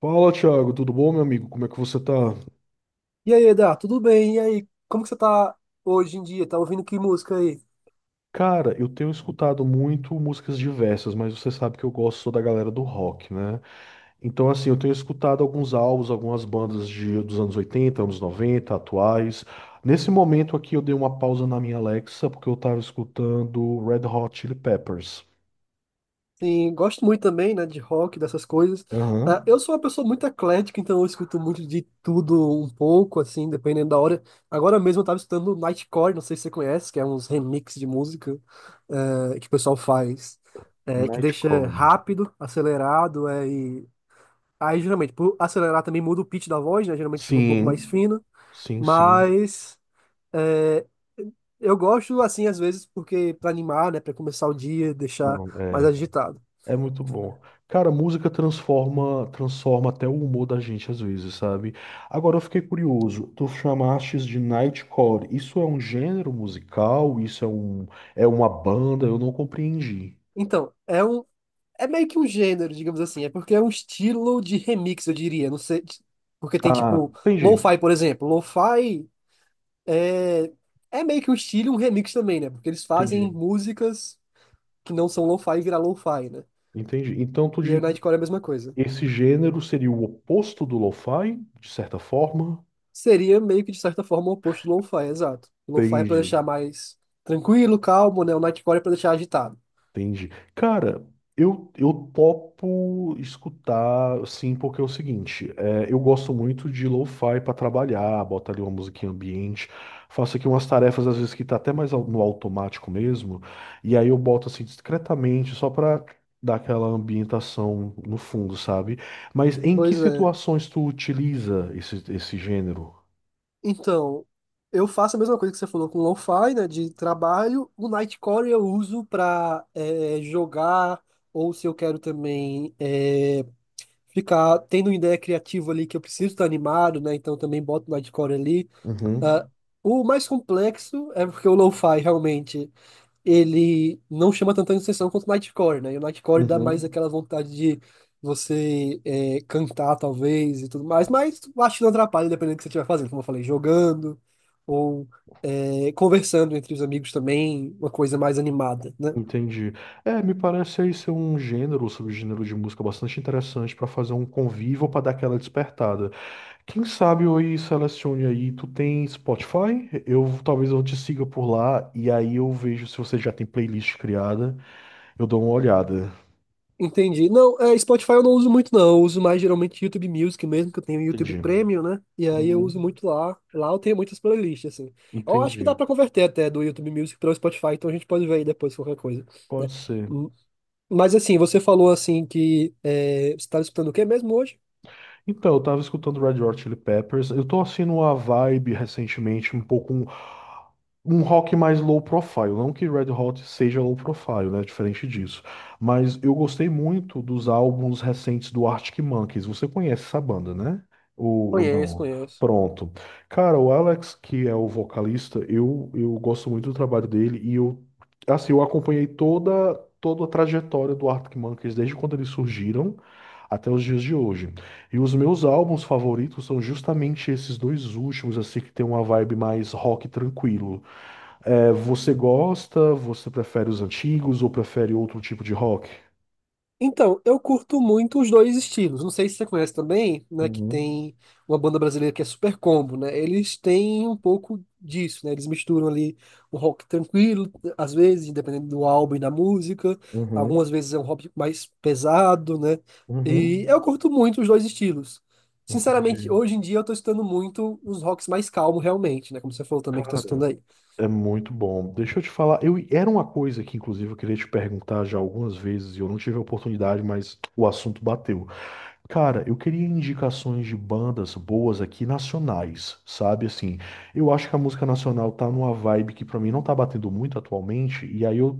Fala, Thiago, tudo bom, meu amigo? Como é que você tá? E aí, Eda, tudo bem? E aí, como que você tá hoje em dia? Tá ouvindo que música aí? Cara, eu tenho escutado muito músicas diversas, mas você sabe que eu gosto só da galera do rock, né? Então, assim, eu tenho escutado alguns álbuns, algumas bandas dos anos 80, anos 90, atuais. Nesse momento aqui, eu dei uma pausa na minha Alexa, porque eu tava escutando Red Hot Chili Peppers. Sim, gosto muito também, né, de rock, dessas coisas. Ah, Aham. eu sou uma pessoa muito eclética, então eu escuto muito de tudo um pouco, assim, dependendo da hora. Agora mesmo eu tava escutando Nightcore, não sei se você conhece, que é uns remix de música, que o pessoal faz, que deixa Nightcore. rápido, acelerado, Aí, geralmente, por acelerar também muda o pitch da voz, né? Geralmente fica um pouco mais Sim, fino, sim, sim. mas... eh, Eu gosto assim às vezes porque para animar, né, para começar o dia, deixar Não, mais é. agitado. É muito bom. Cara, música transforma, transforma até o humor da gente às vezes, sabe? Agora eu fiquei curioso. Tu chamastes de Nightcore. Isso é um gênero musical? É uma banda? Eu não compreendi. Então, é meio que um gênero, digamos assim, é porque é um estilo de remix, eu diria, não sei, porque tem Ah, tipo entendi. lo-fi, por exemplo. Lo-fi é é meio que um estilo, e um remix também, né? Porque eles fazem Entendi. músicas que não são lo-fi virar lo-fi, né? Entendi. Então tu E aí diria o Nightcore é a mesma coisa. que esse gênero seria o oposto do lo-fi, de certa forma? Seria meio que de certa forma o oposto do lo-fi, exato. O lo-fi é para Entendi. deixar mais tranquilo, calmo, né? O Nightcore é para deixar agitado. Entendi. Cara, eu topo escutar, sim, porque é o seguinte, é, eu gosto muito de lo-fi para trabalhar, boto ali uma musiquinha ambiente, faço aqui umas tarefas às vezes que tá até mais no automático mesmo, e aí eu boto assim discretamente só para dar aquela ambientação no fundo, sabe? Mas em que Pois é. situações tu utiliza esse gênero? Então, eu faço a mesma coisa que você falou com o lo-fi, né, de trabalho. O Nightcore eu uso para jogar, ou se eu quero também ficar tendo uma ideia criativa ali que eu preciso estar animado, né, então eu também boto o Nightcore ali. Ah, Uhum. o mais complexo é porque o lo-fi realmente ele não chama tanta atenção quanto o Nightcore, né? E o Nightcore dá mais Uhum. aquela vontade de você cantar, talvez, e tudo mais, mas eu acho que não atrapalha, dependendo do que você estiver fazendo, como eu falei, jogando ou conversando entre os amigos também, uma coisa mais animada, né? Entendi. É, me parece aí ser um gênero, um subgênero de música bastante interessante para fazer um convívio para dar aquela despertada. Quem sabe eu aí selecione aí, tu tem Spotify? Eu talvez eu te siga por lá e aí eu vejo se você já tem playlist criada, eu dou uma olhada. Entendi. Não, Spotify eu não uso muito, não. Eu uso mais geralmente YouTube Music mesmo, que eu tenho YouTube Entendi. Premium, né? E aí eu Uhum. uso muito lá. Lá eu tenho muitas playlists, assim. Eu acho que dá Entendi. pra converter até do YouTube Music para o Spotify, então a gente pode ver aí depois qualquer coisa, né? Pode ser. Mas assim, você falou assim que você estava escutando o quê mesmo hoje? Então, eu tava escutando Red Hot Chili Peppers. Eu tô assim numa vibe recentemente um pouco um rock mais low profile, não que Red Hot seja low profile, né, diferente disso, mas eu gostei muito dos álbuns recentes do Arctic Monkeys. Você conhece essa banda, né? Ou Conheço, não? conheço. Pronto. Cara, o Alex, que é o vocalista, eu gosto muito do trabalho dele e eu assim, eu acompanhei toda a trajetória do Arctic Monkeys desde quando eles surgiram até os dias de hoje. E os meus álbuns favoritos são justamente esses dois últimos, assim, que tem uma vibe mais rock tranquilo. É, você gosta, você prefere os antigos ou prefere outro tipo de rock? Então, eu curto muito os dois estilos. Não sei se você conhece também, né? Que Uhum, tem uma banda brasileira que é Super Combo, né? Eles têm um pouco disso, né? Eles misturam ali um rock tranquilo, às vezes, dependendo do álbum e da música. Algumas uhum, vezes é um rock mais pesado, né? E uhum. eu curto muito os dois estilos. Sinceramente, Entendi. hoje em dia eu tô escutando muito os rocks mais calmos, realmente, né? Como você falou também que tá Cara, escutando aí. é muito bom. Deixa eu te falar, eu era uma coisa que inclusive eu queria te perguntar já algumas vezes e eu não tive a oportunidade, mas o assunto bateu. Cara, eu queria indicações de bandas boas aqui nacionais, sabe? Assim, eu acho que a música nacional tá numa vibe que pra mim não tá batendo muito atualmente, e aí eu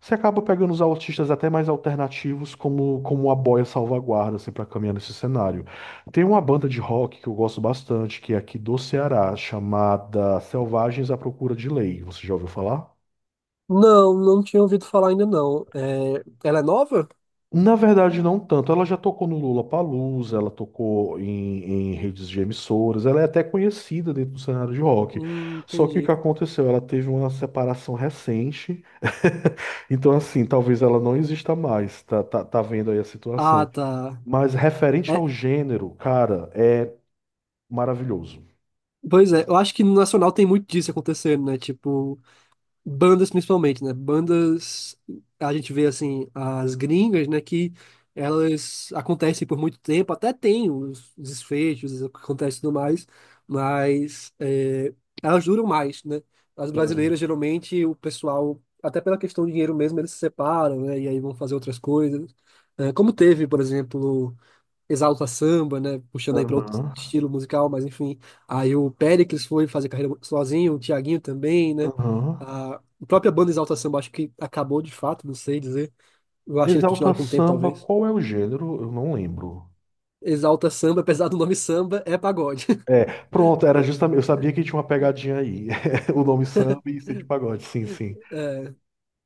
você acaba pegando os artistas até mais alternativos como a boia salvaguarda assim para caminhar nesse cenário. Tem uma banda de rock que eu gosto bastante, que é aqui do Ceará, chamada Selvagens à Procura de Lei. Você já ouviu falar? Não, não tinha ouvido falar ainda não. É, ela é nova? Na verdade, não tanto. Ela já tocou no Lula Lollapalooza, ela tocou em redes de emissoras, ela é até conhecida dentro do cenário de rock. Só que o que Entendi. aconteceu? Ela teve uma separação recente, então assim, talvez ela não exista mais, tá, tá, tá vendo aí a Ah, situação. tá. Mas referente É, ao gênero, cara, é maravilhoso. pois é, eu acho que no Nacional tem muito disso acontecendo, né? Tipo, bandas principalmente, né? Bandas, a gente vê assim, as gringas, né, que elas acontecem por muito tempo, até tem os desfechos, o que acontece e tudo mais, mas é, elas duram mais, né? As É. brasileiras, geralmente, o pessoal, até pela questão de dinheiro mesmo, eles se separam, né? E aí vão fazer outras coisas. É, como teve, por exemplo. Exalta Samba, né? Puxando aí para outro Aham, estilo musical, mas enfim. Aí o Péricles foi fazer carreira sozinho, o Thiaguinho também, né? aham. A própria banda Exalta Samba acho que acabou de fato, não sei dizer. Eu acho que eles Exalta continuaram por um tempo, Samba, talvez. qual é o gênero? Eu não lembro. Exalta Samba, apesar do nome samba, é pagode. É, pronto, era justamente. Eu sabia que tinha uma pegadinha aí. O nome samba e ser de pagode, sim, sim. É,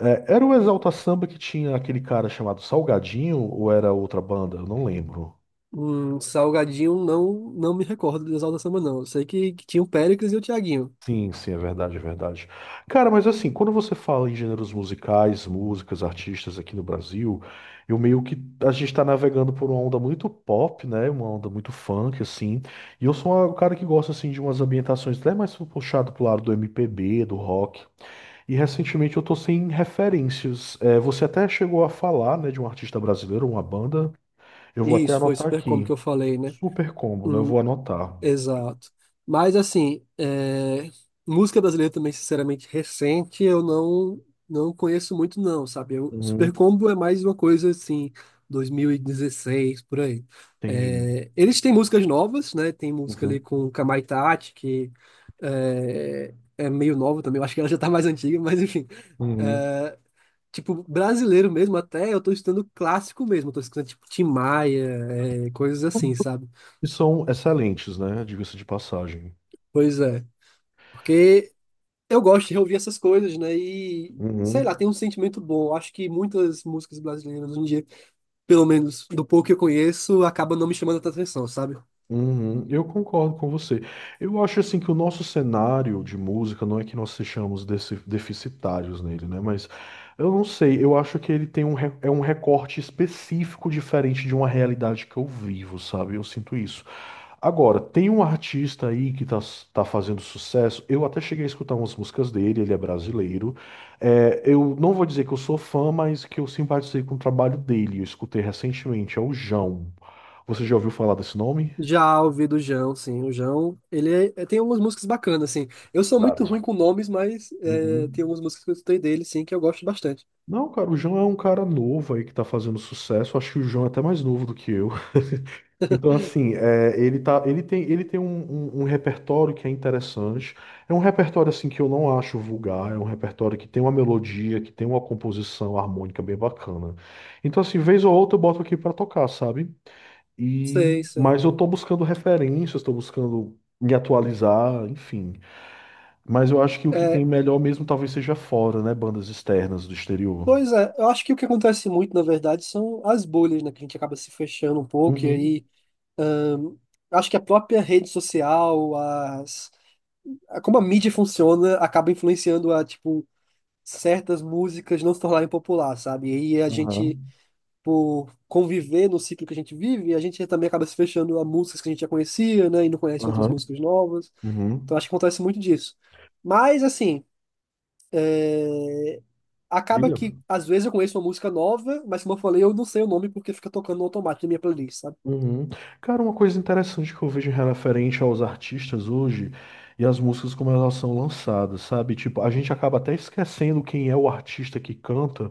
É, era o Exalta Samba que tinha aquele cara chamado Salgadinho ou era outra banda? Eu não lembro. um Salgadinho não me recordo do Exalta Samba, não. Eu sei que tinha o Péricles e o Thiaguinho. Sim, sim, é verdade, é verdade. Cara, mas assim, quando você fala em gêneros musicais, músicas, artistas aqui no Brasil, eu meio que a gente tá navegando por uma onda muito pop, né? Uma onda muito funk, assim. E eu sou um cara que gosta assim de umas ambientações até mais puxado pro lado do MPB, do rock. E recentemente eu tô sem referências. É, você até chegou a falar, né, de um artista brasileiro, uma banda. Eu vou até Isso, foi anotar super como aqui. que eu falei, né? Super Combo, né? Eu Um, vou anotar. Exato. Mas assim, música brasileira também, sinceramente, recente, eu não conheço muito não, sabe? Super Uhum, Combo é mais uma coisa assim, 2016, por aí. entendi. É, eles têm músicas novas, né? Tem música ali Uhum, com Kamai Tati, que é meio nova também, eu acho que ela já tá mais antiga, mas enfim. uhum. É, tipo, brasileiro mesmo, até eu tô escutando clássico mesmo, eu tô escutando tipo Tim Maia, coisas assim, sabe? E são excelentes, né? Diga-se de passagem. Pois é. Porque eu gosto de reouvir essas coisas, né? E sei lá, Uhum, tem um sentimento bom. Acho que muitas músicas brasileiras hoje em dia, pelo menos do pouco que eu conheço, acabam não me chamando tanta atenção, sabe? Uhum, eu concordo com você. Eu acho assim que o nosso cenário de música não é que nós sejamos deficitários nele, né? Mas eu não sei, eu acho que ele tem é um recorte específico diferente de uma realidade que eu vivo, sabe? Eu sinto isso. Agora, tem um artista aí que tá fazendo sucesso. Eu até cheguei a escutar umas músicas dele, ele é brasileiro. É, eu não vou dizer que eu sou fã, mas que eu simpatizei com o trabalho dele. Eu escutei recentemente, é o Jão. Você já ouviu falar desse nome? Já ouvi do Jão, sim. O Jão, ele tem algumas músicas bacanas, assim. Eu sou muito ruim Exato. com nomes, mas tem Uhum. algumas músicas que eu escutei dele, sim, que eu gosto bastante. Não, cara, o João é um cara novo aí que tá fazendo sucesso. Acho que o João é até mais novo do que eu. Então, assim, é, ele tem, um repertório que é interessante. É um repertório, assim, que eu não acho vulgar. É um repertório que tem uma melodia, que tem uma composição harmônica bem bacana. Então, assim, vez ou outra eu boto aqui pra tocar, sabe? E, Sei, sei. mas eu tô buscando referências, tô buscando me atualizar, enfim. Mas eu acho que o que É, tem melhor mesmo talvez seja fora, né? Bandas externas do exterior. pois é, eu acho que o que acontece muito, na verdade, são as bolhas, né? Que a gente acaba se fechando um pouco e Uhum. aí acho que a própria rede social, as como a mídia funciona, acaba influenciando a, tipo, certas músicas não se tornarem popular, sabe? E aí a Aham. gente, por conviver no ciclo que a gente vive, a gente também acaba se fechando a músicas que a gente já conhecia, né? E não conhece outras Aham. músicas novas. Uhum. Então acho que acontece muito disso. Mas, assim, acaba Diga. que às vezes eu conheço uma música nova, mas como eu falei, eu não sei o nome porque fica tocando no automático na minha playlist. Uhum. Cara, uma coisa interessante que eu vejo referente aos artistas hoje e as músicas como elas são lançadas, sabe? Tipo, a gente acaba até esquecendo quem é o artista que canta,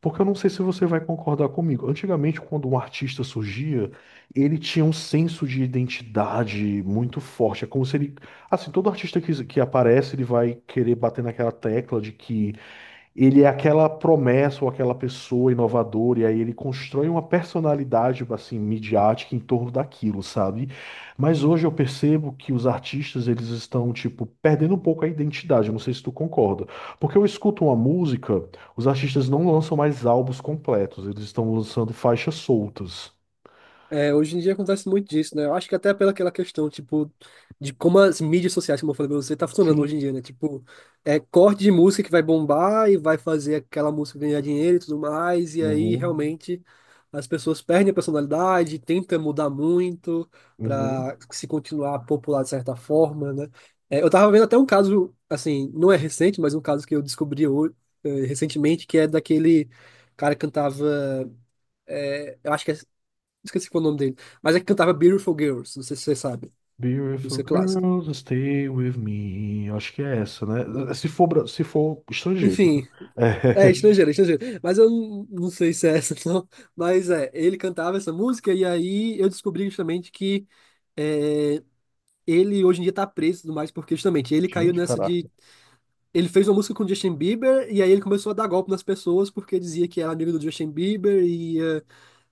porque eu não sei se você vai concordar comigo. Antigamente, quando um artista surgia, ele tinha um senso de identidade muito forte. É como se ele, assim, todo artista que aparece, ele vai querer bater naquela tecla de que ele é aquela promessa ou aquela pessoa inovadora, e aí ele constrói uma personalidade assim midiática em torno daquilo, sabe? Mas hoje eu percebo que os artistas eles estão tipo perdendo um pouco a identidade. Eu não sei se tu concorda, porque eu escuto uma música, os artistas não lançam mais álbuns completos, eles estão lançando faixas soltas. É, hoje em dia acontece muito disso, né? Eu acho que até pela aquela questão, tipo, de como as mídias sociais, como eu falei pra você, tá funcionando hoje em Sim. dia, né? Tipo, é corte de música que vai bombar e vai fazer aquela música ganhar dinheiro e tudo mais, e aí Uhum. realmente as pessoas perdem a personalidade, tentam mudar muito Uhum. pra se continuar popular de certa forma, né? É, eu tava vendo até um caso, assim, não é recente, mas um caso que eu descobri hoje, recentemente, que é daquele cara que cantava, eh, eu acho que é Esqueci qual é o nome dele. Mas é que cantava Beautiful Girls, não sei se você sabe. Beautiful Música clássica. girls, stay with me. Acho que é essa, né? Se for, se for estrangeiro. Enfim, é É. estrangeiro, é estrangeiro. Mas eu não sei se é essa, não. Mas ele cantava essa música e aí eu descobri justamente que é, ele hoje em dia tá preso e tudo mais, porque justamente ele caiu Gente, nessa caraca. de. Ele fez uma música com o Justin Bieber e aí ele começou a dar golpe nas pessoas porque dizia que era amigo do Justin Bieber e ia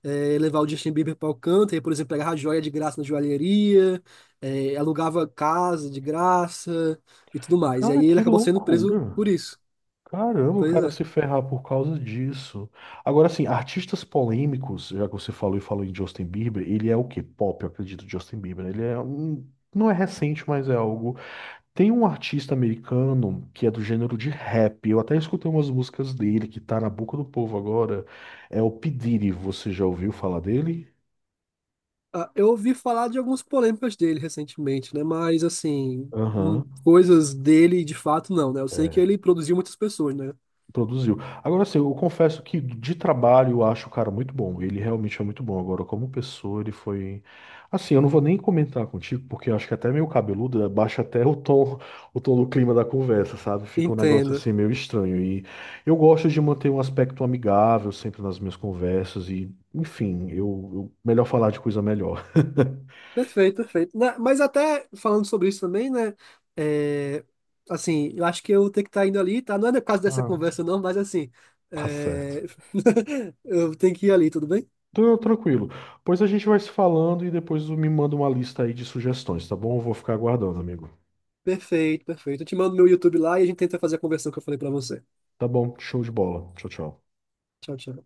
levar o Justin Bieber para Alcântara, por exemplo, pegava joia de graça na joalheria, alugava casa de graça e tudo mais. E Cara, aí ele que acabou sendo preso loucura. por isso. Caramba, o Pois cara é. se ferrar por causa disso. Agora, assim, artistas polêmicos, já que você falou e falou em Justin Bieber, ele é o quê? Pop, eu acredito, Justin Bieber. Né? Ele é um... Não é recente, mas é algo. Tem um artista americano que é do gênero de rap. Eu até escutei umas músicas dele que tá na boca do povo agora. É o P. Diddy. Você já ouviu falar dele? Ah, eu ouvi falar de algumas polêmicas dele recentemente, né? Mas, assim, Aham. coisas dele de fato não, né? Eu sei que É. ele produziu muitas pessoas, né? Produziu. Agora, assim, eu confesso que de trabalho eu acho o cara muito bom. Ele realmente é muito bom. Agora, como pessoa, ele foi. Assim, eu não vou nem comentar contigo, porque eu acho que é até meio cabeludo baixa até o tom do clima da conversa, sabe? Fica um negócio Entenda. assim meio estranho. E eu gosto de manter um aspecto amigável sempre nas minhas conversas. E, enfim, melhor falar de coisa melhor. Perfeito, perfeito. Né, mas até falando sobre isso também, né? é, assim, eu acho que eu tenho que estar indo ali, tá? Não é no caso dessa Ah, conversa, não, mas assim, Tá certo. é, eu tenho que ir ali, tudo bem? Então, tranquilo. Pois a gente vai se falando e depois me manda uma lista aí de sugestões, tá bom? Eu vou ficar aguardando, amigo. Perfeito, perfeito. Eu te mando meu YouTube lá e a gente tenta fazer a conversão que eu falei pra você. Tá bom, show de bola. Tchau, tchau. Tchau, tchau.